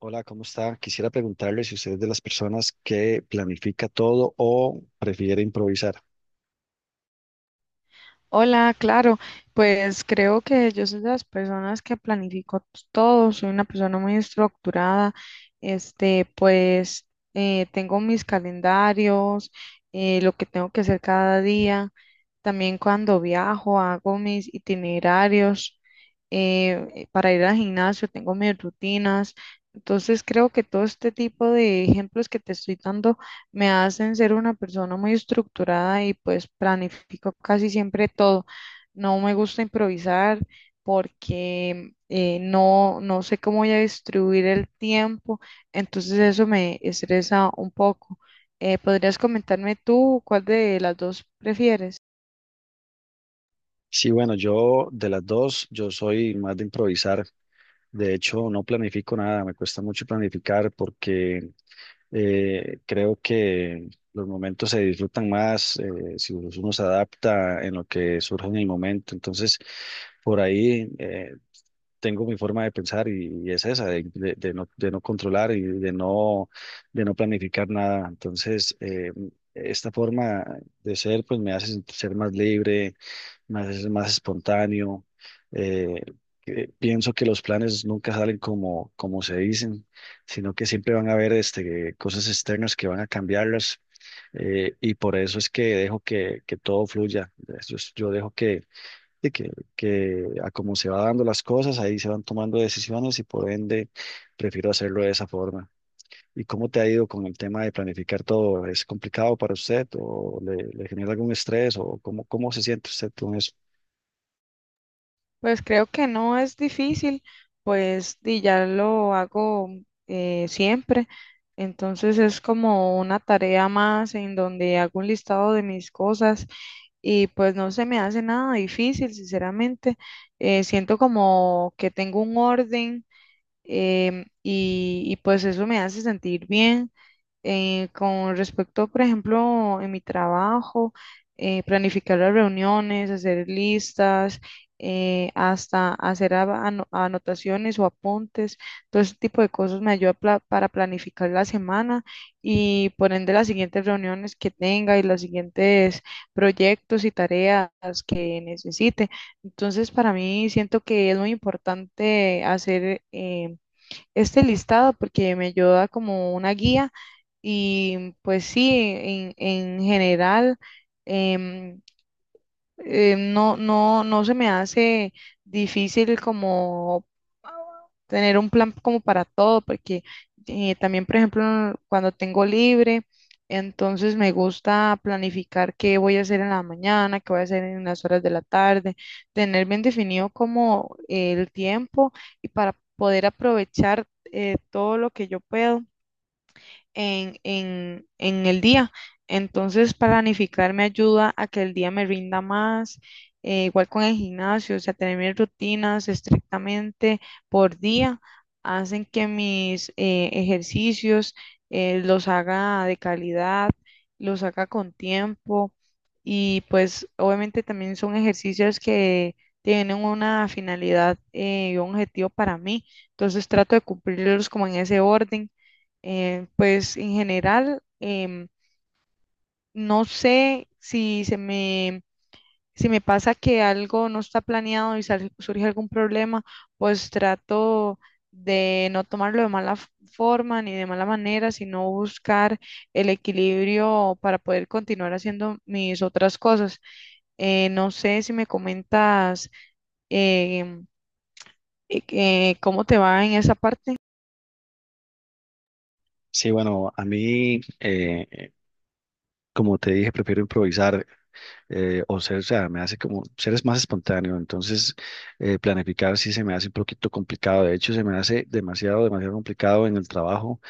Hola, ¿cómo está? Quisiera preguntarle si usted es de las personas que planifica todo o prefiere improvisar. Hola, claro, pues creo que yo soy de las personas que planifico todo, soy una persona muy estructurada, este, pues tengo mis calendarios, lo que tengo que hacer cada día, también cuando viajo hago mis itinerarios, para ir al gimnasio tengo mis rutinas, entonces creo que todo este tipo de ejemplos que te estoy dando me hacen ser una persona muy estructurada y pues planifico casi siempre todo. No me gusta improvisar porque no sé cómo voy a distribuir el tiempo, entonces eso me estresa un poco. ¿Podrías comentarme tú cuál de las dos prefieres? Sí, bueno, yo de las dos, yo soy más de improvisar. De hecho, no planifico nada, me cuesta mucho planificar porque creo que los momentos se disfrutan más si uno se adapta en lo que surge en el momento. Entonces, por ahí tengo mi forma de pensar y es esa, de no controlar y de no planificar nada. Entonces, esta forma de ser, pues me hace ser más libre más, es más espontáneo. eh, que pienso que los planes nunca salen como se dicen, sino que siempre van a haber cosas externas que van a cambiarlas. Y por eso es que dejo que todo fluya. Yo dejo de que, que a como se va dando las cosas, ahí se van tomando decisiones y por ende prefiero hacerlo de esa forma. ¿Y cómo te ha ido con el tema de planificar todo? ¿Es complicado para usted o le genera algún estrés o cómo se siente usted con eso? Pues creo que no es difícil, pues y ya lo hago siempre. Entonces es como una tarea más en donde hago un listado de mis cosas y pues no se me hace nada difícil, sinceramente. Siento como que tengo un orden y pues eso me hace sentir bien. Con respecto, por ejemplo, en mi trabajo, planificar las reuniones, hacer listas, hasta hacer anotaciones o apuntes, todo ese tipo de cosas me ayuda para planificar la semana y por ende las siguientes reuniones que tenga y los siguientes proyectos y tareas que necesite. Entonces, para mí siento que es muy importante hacer este listado porque me ayuda como una guía y pues sí, en general em, no se me hace difícil como tener un plan como para todo, porque también, por ejemplo, cuando tengo libre, entonces me gusta planificar qué voy a hacer en la mañana, qué voy a hacer en las horas de la tarde, tener bien definido como el tiempo y para poder aprovechar todo lo que yo puedo en el día. Entonces, planificar me ayuda a que el día me rinda más, igual con el gimnasio, o sea, tener mis rutinas estrictamente por día, hacen que mis ejercicios los haga de calidad, los haga con tiempo y pues obviamente también son ejercicios que tienen una finalidad y un objetivo para mí, entonces trato de cumplirlos como en ese orden pues en general, no sé si se me, si me pasa que algo no está planeado y surge algún problema, pues trato de no tomarlo de mala forma ni de mala manera, sino buscar el equilibrio para poder continuar haciendo mis otras cosas. No sé si me comentas em, cómo te va en esa parte. Sí, bueno, a mí, como te dije, prefiero improvisar o sea, me hace como ser es más espontáneo, entonces planificar sí se me hace un poquito complicado, de hecho se me hace demasiado, demasiado complicado en el trabajo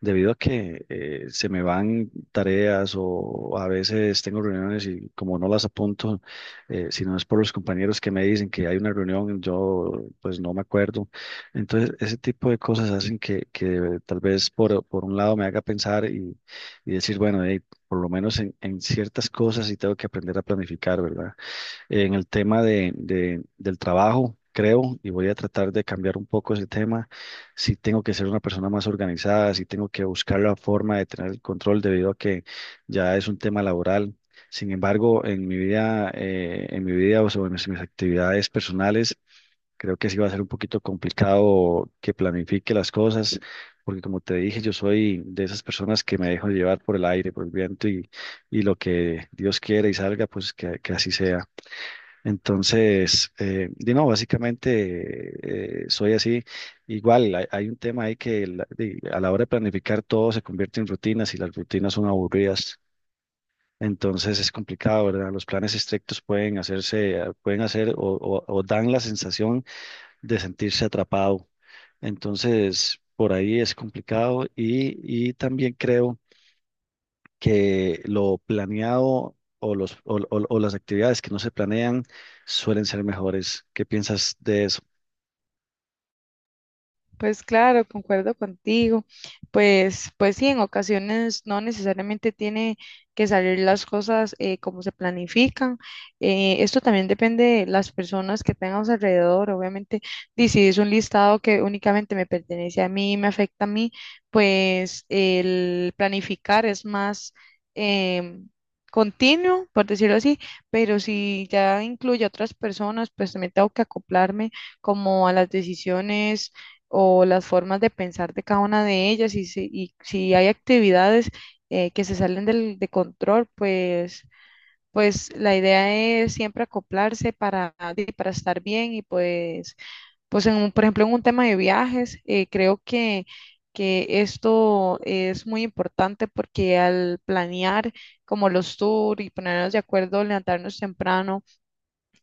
debido a que se me van tareas o a veces tengo reuniones y como no las apunto, si no es por los compañeros que me dicen que hay una reunión, yo pues no me acuerdo. Entonces, ese tipo de cosas hacen que tal vez por un lado me haga pensar y decir, bueno, hey, por lo menos en ciertas cosas sí tengo que aprender a planificar, ¿verdad? En el tema del trabajo, creo, y voy a tratar de cambiar un poco ese tema. Si tengo que ser una persona más organizada, si tengo que buscar la forma de tener el control debido a que ya es un tema laboral. Sin embargo, en mi vida, o sea, bueno, en mis actividades personales, creo que sí va a ser un poquito complicado que planifique las cosas, porque como te dije, yo soy de esas personas que me dejo llevar por el aire, por el viento y lo que Dios quiere y salga, pues que así sea. Entonces, di no, básicamente soy así. Igual hay un tema ahí que di, a la hora de planificar todo se convierte en rutinas y las rutinas son aburridas. Entonces es complicado, ¿verdad? Los planes estrictos pueden hacerse, pueden hacer o dan la sensación de sentirse atrapado. Entonces, por ahí es complicado y también creo que lo planeado o, los, o las actividades que no se planean suelen ser mejores. ¿Qué piensas de eso? Pues claro, concuerdo contigo. Pues sí, en ocasiones no necesariamente tiene que salir las cosas como se planifican. Esto también depende de las personas que tengamos alrededor. Obviamente, y si es un listado que únicamente me pertenece a mí, me afecta a mí, pues el planificar es más em, continuo, por decirlo así. Pero si ya incluye a otras personas, pues también tengo que acoplarme como a las decisiones o las formas de pensar de cada una de ellas y si hay actividades que se salen del, de control, pues la idea es siempre acoplarse para, di, para estar bien y pues en por ejemplo en un tema de viajes, creo que esto es muy importante porque al planear como los tours y ponernos de acuerdo, levantarnos temprano,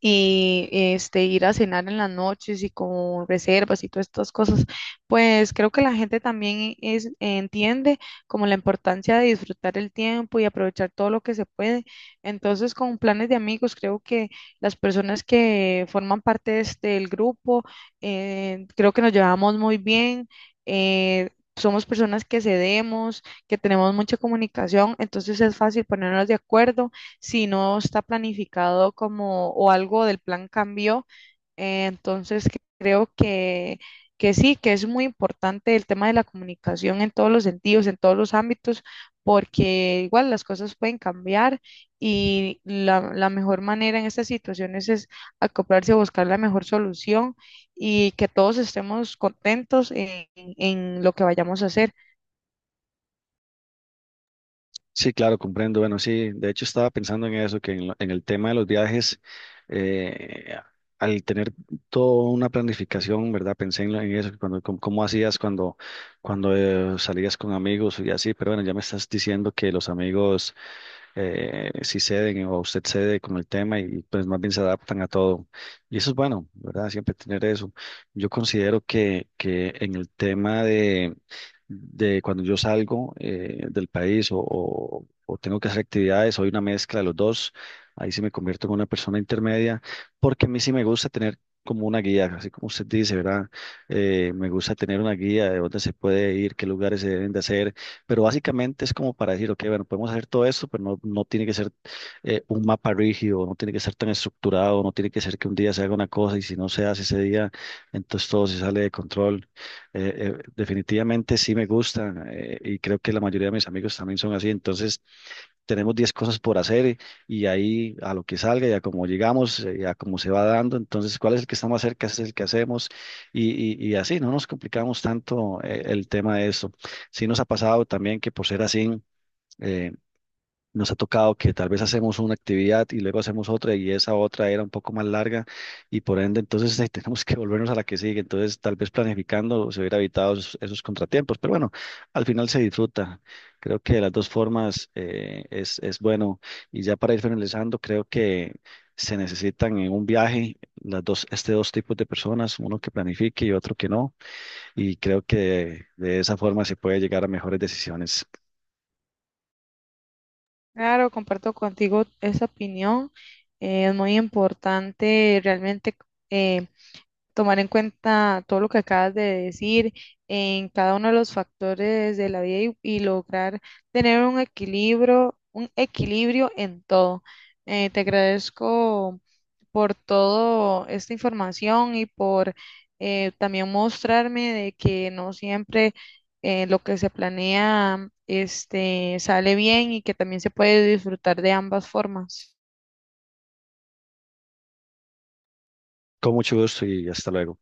y este ir a cenar en las noches y con reservas y todas estas cosas, pues creo que la gente también es, entiende como la importancia de disfrutar el tiempo y aprovechar todo lo que se puede. Entonces, con planes de amigos, creo que las personas que forman parte de este, del grupo, creo que nos llevamos muy bien. eh, Somos personas que cedemos, que tenemos mucha comunicación, entonces es fácil ponernos de acuerdo si no está planificado como o algo del plan cambió. Entonces creo que sí, que es muy importante el tema de la comunicación en todos los sentidos, en todos los ámbitos, porque igual las cosas pueden cambiar y la mejor manera en estas situaciones es acoplarse a buscar la mejor solución y que todos estemos contentos en lo que vayamos a hacer. Sí, claro, comprendo. Bueno, sí, de hecho estaba pensando en eso, que en el tema de los viajes, eh, al tener toda una planificación, ¿verdad? Pensé en eso, cómo hacías cuando salías con amigos y así, pero bueno, ya me estás diciendo que los amigos sí ceden o usted cede con el tema y pues más bien se adaptan a todo. Y eso es bueno, ¿verdad? Siempre tener eso. Yo considero que en el tema de cuando yo salgo del país o tengo que hacer actividades, soy una mezcla de los dos, ahí sí me convierto en una persona intermedia, porque a mí sí me gusta tener como una guía, así como usted dice, ¿verdad? Me gusta tener una guía de dónde se puede ir, qué lugares se deben de hacer, pero básicamente es como para decir, ok, bueno, podemos hacer todo esto, pero no, no tiene que ser un mapa rígido, no tiene que ser tan estructurado, no tiene que ser que un día se haga una cosa y si no se hace ese día, entonces todo se sale de control. Eh, Definitivamente sí me gusta y creo que la mayoría de mis amigos también son así. Entonces tenemos 10 cosas por hacer y ahí a lo que salga y a como llegamos, y a cómo se va dando. Entonces, ¿cuál es el que está más cerca? Ese es el que hacemos y, y así no nos complicamos tanto el tema de eso. Sí nos ha pasado también que por ser así. eh, Nos ha tocado que tal vez hacemos una actividad y luego hacemos otra y esa otra era un poco más larga y por ende entonces tenemos que volvernos a la que sigue. Entonces tal vez planificando se hubiera evitado esos contratiempos, pero bueno, al final se disfruta. Creo que de las dos formas es bueno. Y ya para ir finalizando, creo que se necesitan en un viaje las dos, dos tipos de personas, uno que planifique y otro que no. Y creo que de esa forma se puede llegar a mejores decisiones. Claro, comparto contigo esa opinión. Es muy importante realmente eh, tomar en cuenta todo lo que acabas de decir en cada uno de los factores de la vida y lograr tener un equilibrio en todo. Te agradezco por toda esta información y por también mostrarme de que no siempre lo que se planea este, sale bien y que también se puede disfrutar de ambas formas. Con mucho gusto y hasta luego.